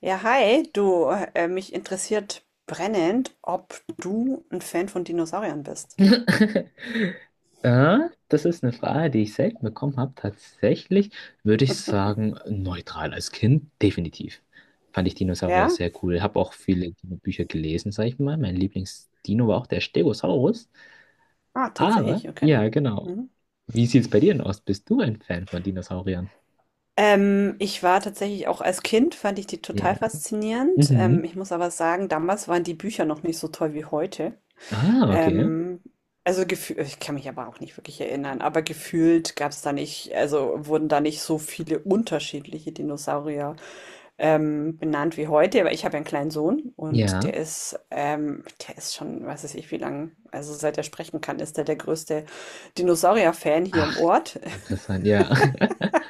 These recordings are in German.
Ja, hi, du, mich interessiert brennend, ob du ein Fan von Dinosauriern bist. Ja, das ist eine Frage, die ich selten bekommen habe. Tatsächlich würde ich sagen, neutral als Kind, definitiv. Fand ich Dinosaurier Ja? sehr cool. Habe auch viele Dino-Bücher gelesen, sag ich mal. Mein Lieblingsdino war auch der Stegosaurus. Ah, Aber, tatsächlich, okay. ja, genau. Mhm. Wie sieht es bei dir denn aus? Bist du ein Fan von Dinosauriern? Ich war tatsächlich auch als Kind, fand ich die Ja. total faszinierend. Mhm. Ich muss aber sagen, damals waren die Bücher noch nicht so toll wie heute. Ah, okay. Ähm, also gefühlt, ich kann mich aber auch nicht wirklich erinnern, aber gefühlt gab es da nicht, also wurden da nicht so viele unterschiedliche Dinosaurier benannt wie heute, aber ich habe ja einen kleinen Sohn und Ja. Der ist schon, weiß ich, wie lang, also seit er sprechen kann, ist er der größte Dinosaurier-Fan hier im Ach, Ort. interessant, ja.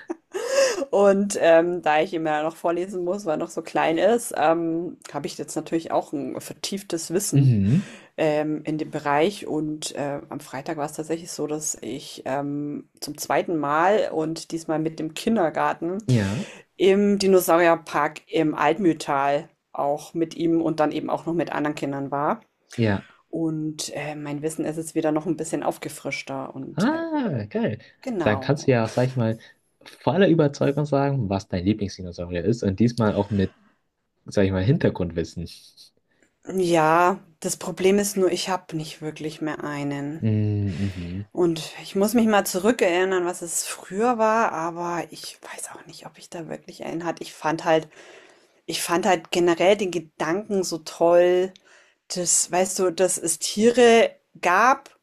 Und da ich ihm ja noch vorlesen muss, weil er noch so klein ist, habe ich jetzt natürlich auch ein vertieftes Wissen Mhm. In dem Bereich. Und am Freitag war es tatsächlich so, dass ich zum zweiten Mal und diesmal mit dem Kindergarten Ja, im Dinosaurierpark im Altmühltal auch mit ihm und dann eben auch noch mit anderen Kindern war. ja. Und, mein Wissen ist jetzt wieder noch ein bisschen aufgefrischter und, Ah, geil. Dann kannst du genau. ja auch, sag ich mal, voller Überzeugung sagen, was dein Lieblingsdinosaurier ist und diesmal auch mit, sag ich mal, Hintergrundwissen. Ja, das Problem ist nur, ich habe nicht wirklich mehr einen. Mm, mhm. Und ich muss mich mal zurückerinnern, was es früher war, aber ich weiß auch nicht, ob ich da wirklich einen hatte. Ich fand halt generell den Gedanken so toll. Das weißt du, dass es Tiere gab,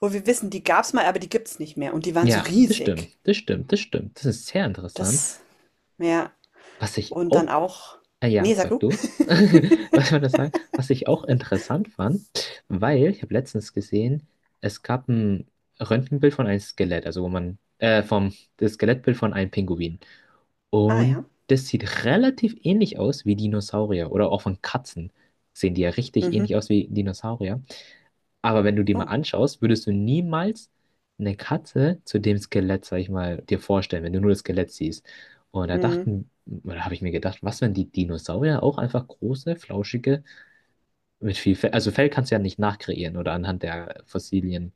wo wir wissen, die gab's mal, aber die gibt's nicht mehr und die waren so Ja, das riesig. stimmt, das stimmt, das stimmt. Das ist sehr interessant. Das ja, Was ich und dann auch, auch ah ja, ne, sag sag du. du, was soll das sagen? Was ich auch interessant fand, weil ich habe letztens gesehen, es gab ein Röntgenbild von einem Skelett, also wo man, vom, das Skelettbild von einem Pinguin. Ah Und ja. das sieht relativ ähnlich aus wie Dinosaurier oder auch von Katzen. Sehen die ja richtig ähnlich Mhm. aus wie Dinosaurier. Aber wenn du die mal Oh. anschaust, würdest du niemals eine Katze zu dem Skelett, sag ich mal, dir vorstellen, wenn du nur das Skelett siehst. Und da Mhm. dachten, oder habe ich mir gedacht, was, wenn die Dinosaurier auch einfach große, flauschige, mit viel Fell, also Fell kannst du ja nicht nachkreieren oder anhand der Fossilien,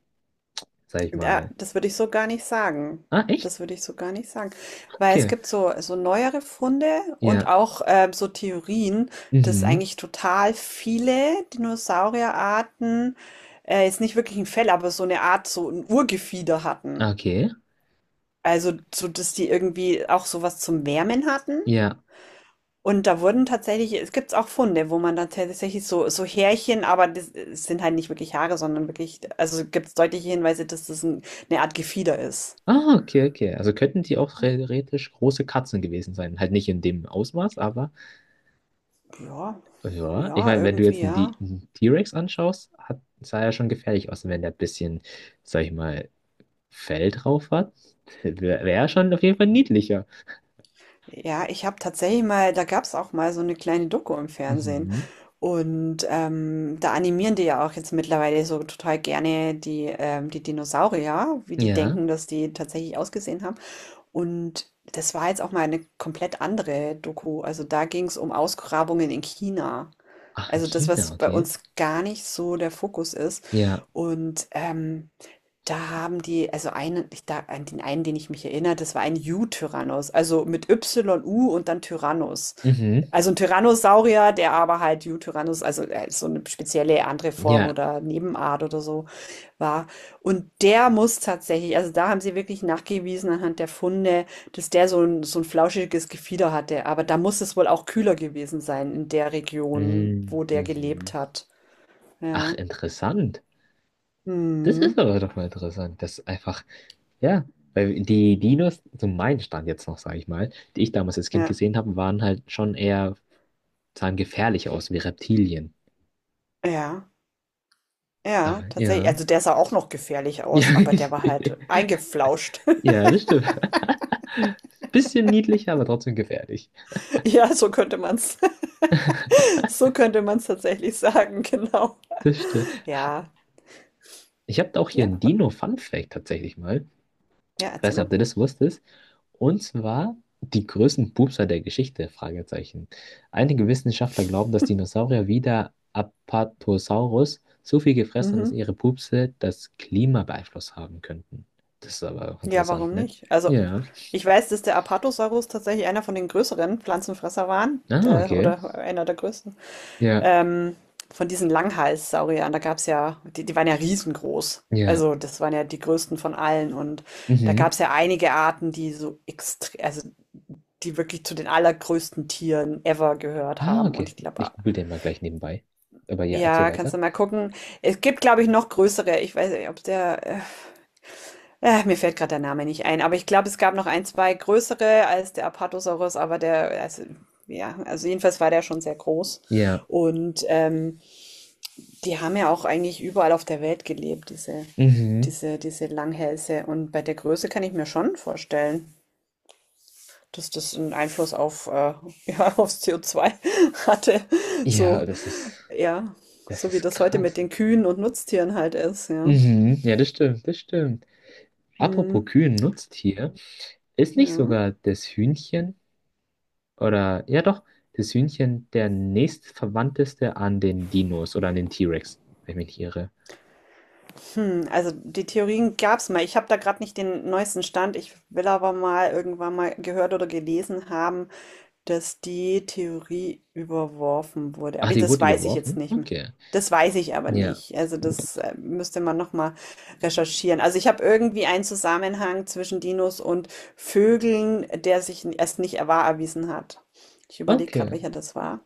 sag ich Da mal. das würde ich so gar nicht sagen. Ah, echt? Das würde ich so gar nicht sagen. Weil es Okay. gibt so neuere Funde und Ja. auch, so Theorien, dass Mhm. eigentlich total viele Dinosaurierarten, jetzt nicht wirklich ein Fell, aber so eine Art so ein Urgefieder hatten. Okay. Also, so dass die irgendwie auch sowas zum Wärmen hatten. Ja. Und da wurden tatsächlich, es gibt auch Funde, wo man dann tatsächlich so, so Härchen, aber das es sind halt nicht wirklich Haare, sondern wirklich, also gibt es deutliche Hinweise, dass das ein, eine Art Gefieder ist. Ah, okay, okay. Also könnten die auch theoretisch große Katzen gewesen sein. Halt nicht in dem Ausmaß, aber Ja, ja. Ich ja, meine, wenn du irgendwie, jetzt einen ja. Einen T-Rex anschaust, hat, sah er schon gefährlich aus. Und wenn der ein bisschen, sag ich mal, Fell drauf hat, wäre er schon auf jeden Fall niedlicher. Ja, ich habe tatsächlich mal da gab's auch mal so eine kleine Doku im Fernsehen. Mhm. Und, da animieren die ja auch jetzt mittlerweile so total gerne die, die Dinosaurier, wie die Ja. denken, dass die tatsächlich ausgesehen haben. Und das war jetzt auch mal eine komplett andere Doku. Also, da ging's um Ausgrabungen in China. Ach, in Also das, China, was bei okay. uns gar nicht so der Fokus ist. Ja. Und da haben die, also einen, ich, da, an den einen, den ich mich erinnere, das war ein U-Tyrannos, also mit Y-U und dann Tyrannos. Mhm. Also ein Tyrannosaurier, der aber halt U-Tyrannos, also so eine spezielle andere Form Ja. oder Nebenart oder so war. Und der muss tatsächlich, also da haben sie wirklich nachgewiesen anhand der Funde, dass der so ein flauschiges Gefieder hatte. Aber da muss es wohl auch kühler gewesen sein in der Region, Mm, wo der mhm. gelebt hat. Ach, Ja. interessant. Das Mhm. ist aber doch mal interessant, dass einfach ja, weil die Dinos, so mein Stand jetzt noch, sage ich mal, die ich damals als Kind Ja, gesehen habe, waren halt schon eher, sahen gefährlich aus wie Reptilien. ja, ja, Aber tatsächlich. ja. Also der sah auch noch gefährlich Ja, aus, aber der war halt eingeflauscht. ja, das stimmt. Bisschen niedlich, aber trotzdem gefährlich. Ja, so könnte man's, so könnte man's tatsächlich sagen, genau. Das stimmt. Ja, Ich habe auch hier ja, einen Dino-Fun-Fact tatsächlich mal. ja, Ich weiß erzähl nicht, mal. ob du das wusstest. Und zwar die größten Pupser der Geschichte, Fragezeichen. Einige Wissenschaftler glauben, dass Dinosaurier wie der Apatosaurus so viel gefressen haben, dass Mhm. ihre Pupse das Klima beeinflusst haben könnten. Das ist aber auch Ja, interessant, warum ne? nicht? Also, Ja. ich weiß, dass der Apatosaurus tatsächlich einer von den größeren Pflanzenfresser waren, Ah, okay. oder einer der größten. Ja. Ähm, von diesen Langhalssauriern, da gab es ja, die, die waren ja riesengroß. Ja. Also, das waren ja die größten von allen. Und da Mhm. gab es ja einige Arten, die so extrem, also die wirklich zu den allergrößten Tieren ever gehört Ah, haben. Und okay. ich Ich glaube, google den mal gleich nebenbei. Aber ja, erzähl ja, kannst weiter. du mal gucken. Es gibt, glaube ich, noch größere. Ich weiß nicht, ob der mir fällt gerade der Name nicht ein, aber ich glaube, es gab noch ein, 2 größere als der Apatosaurus, aber der, also, ja, also jedenfalls war der schon sehr groß. Ja. Und die haben ja auch eigentlich überall auf der Welt gelebt, diese, Mhm. diese, diese Langhälse. Und bei der Größe kann ich mir schon vorstellen, dass das einen Einfluss auf, ja, aufs CO2 hatte. Ja, So, ja, das so wie ist das heute mit krass. den Kühen und Nutztieren halt ist, ja. Mhm. Ja, das stimmt, das stimmt. Apropos Hm, Kühe, ein Nutztier, ist nicht ja. sogar das Hühnchen oder ja doch, das Hühnchen der nächstverwandteste an den Dinos oder an den T-Rex, wenn ich mich nicht irre. Hm, also die Theorien gab's mal. Ich habe da gerade nicht den neuesten Stand. Ich will aber mal irgendwann mal gehört oder gelesen haben, dass die Theorie überworfen wurde. Ah, Aber die das wurde weiß ich jetzt überworfen? nicht. Okay. Das weiß ich aber Ja, nicht. Also das müsste man noch mal recherchieren. Also ich habe irgendwie einen Zusammenhang zwischen Dinos und Vögeln, der sich erst nicht wahr erwiesen hat. Ich überlege okay. gerade, welcher das war.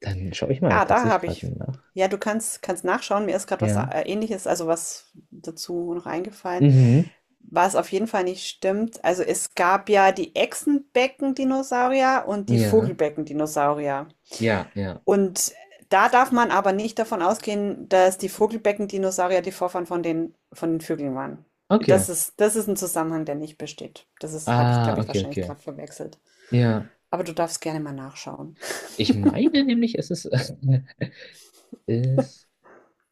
Dann schaue ich mal Ja, da tatsächlich habe gerade ich. nach. Ja, du kannst nachschauen. Mir ist gerade was Ja. Ähnliches, also was dazu noch eingefallen. Mhm. Was auf jeden Fall nicht stimmt. Also es gab ja die Echsenbecken-Dinosaurier und die Ja. Vogelbecken-Dinosaurier. Ja, ja. Und da darf man aber nicht davon ausgehen, dass die Vogelbecken-Dinosaurier die Vorfahren von den Vögeln waren. Okay. Das ist ein Zusammenhang, der nicht besteht. Das ist, habe ich, Ah, glaube ich, okay, wahrscheinlich okay. gerade verwechselt. Ja. Aber du darfst gerne mal nachschauen. Ich meine nämlich, es ist, ist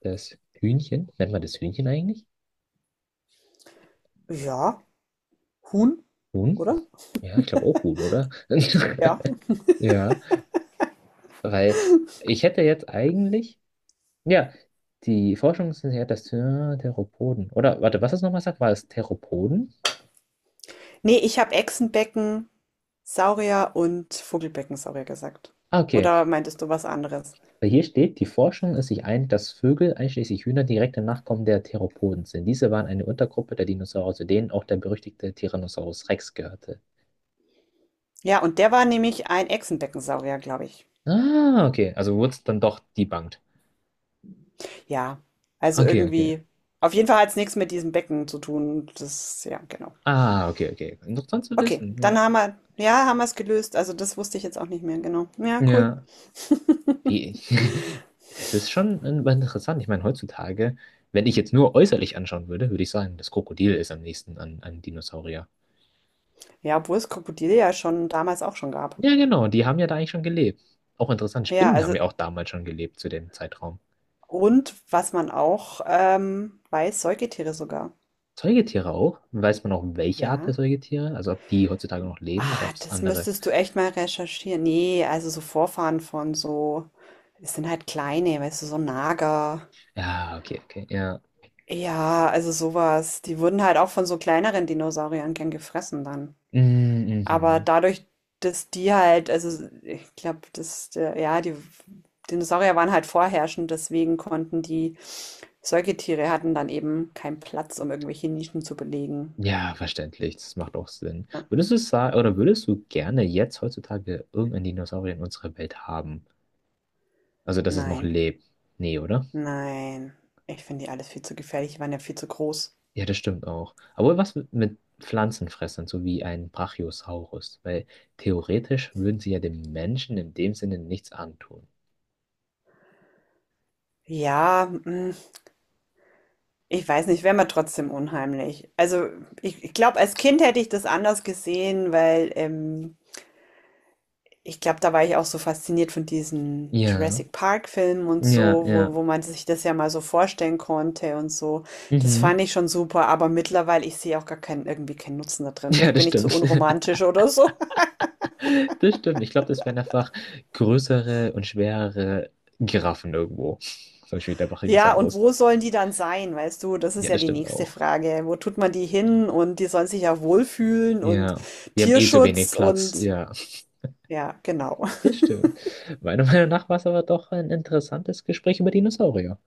das Hühnchen. Nennt man das Hühnchen eigentlich? Ja, Huhn, Huhn? oder? Ja, ich glaube auch Huhn, oder? Ja. Ja, weil ich hätte jetzt eigentlich, ja, die Forschung ist ja das Theropoden. Oder, warte, was das nochmal sagt, war es Theropoden? Nee, ich habe Echsenbecken, Saurier und Vogelbeckensaurier gesagt. Ah, okay, Oder meintest du was anderes? weil hier steht, die Forschung ist sich einig, dass Vögel, einschließlich Hühner, direkte Nachkommen der Theropoden sind. Diese waren eine Untergruppe der Dinosaurier, zu denen auch der berüchtigte Tyrannosaurus Rex gehörte. Ja, und der war nämlich ein Echsenbeckensaurier, glaube ich. Ah, okay, also wurde es dann doch debunked. Ja, also Okay, okay. irgendwie. Auf jeden Fall hat es nichts mit diesem Becken zu tun. Das, ja, genau. Ah, okay, okay. Interessant zu Okay, wissen, ja. dann haben wir, ja, haben wir es gelöst. Also das wusste ich jetzt auch nicht mehr, genau. Ja, cool. Ja. Wie, das ist schon interessant. Ich meine, heutzutage, wenn ich jetzt nur äußerlich anschauen würde, würde ich sagen, das Krokodil ist am nächsten an, an Dinosaurier. Ja, obwohl es Krokodile ja schon damals auch schon gab. Ja, genau, die haben ja da eigentlich schon gelebt. Auch interessant, Ja, Spinnen haben also, ja auch damals schon gelebt zu dem Zeitraum. und was man auch weiß, Säugetiere sogar. Säugetiere auch. Weiß man auch, welche Art der Ja. Säugetiere? Also ob die heutzutage noch leben oder Ah, ob es das andere. müsstest du echt mal recherchieren. Ne, also so Vorfahren von so es sind halt kleine, weißt du, so Nager. Ja, okay, okay, ja. Ja, also sowas. Die wurden halt auch von so kleineren Dinosauriern gern gefressen dann. Mm, Aber mhm. dadurch, dass die halt, also ich glaube, dass, ja, die Dinosaurier waren halt vorherrschend, deswegen konnten die Säugetiere hatten dann eben keinen Platz, um irgendwelche Nischen zu belegen. Ja, verständlich. Das macht auch Sinn. Ja, Würdest du sagen, oder würdest du gerne jetzt heutzutage irgendeinen Dinosaurier in unserer Welt haben? Also, dass es noch nein, lebt. Nee, oder? nein. Ich finde die alles viel zu gefährlich. Die waren ja viel zu groß. Ja, das stimmt auch. Aber was mit Pflanzenfressern, so wie ein Brachiosaurus? Weil theoretisch würden sie ja dem Menschen in dem Sinne nichts antun. Ja, ich weiß nicht, wäre mir trotzdem unheimlich. Also ich glaube, als Kind hätte ich das anders gesehen, weil ich glaube, da war ich auch so fasziniert von diesen Ja, Jurassic Park-Filmen und ja, so, ja. wo, wo man sich das ja mal so vorstellen konnte und so. Das Mhm. fand ich schon super, aber mittlerweile, ich sehe auch gar keinen, irgendwie keinen Nutzen da drin. Ja, Vielleicht das bin ich zu stimmt. unromantisch oder so. Das stimmt. Ich glaube, das wären einfach größere und schwerere Giraffen irgendwo. Zum Beispiel der Ja, und Brachiosaurus. wo sollen die dann sein, weißt du? Das ist Ja, ja das die stimmt nächste auch. Frage. Wo tut man die hin? Und die sollen sich ja wohlfühlen und Ja. Wir haben eh zu wenig Tierschutz Platz. und Ja. ja, genau. Das stimmt. Meiner Meinung nach war es aber doch ein interessantes Gespräch über Dinosaurier.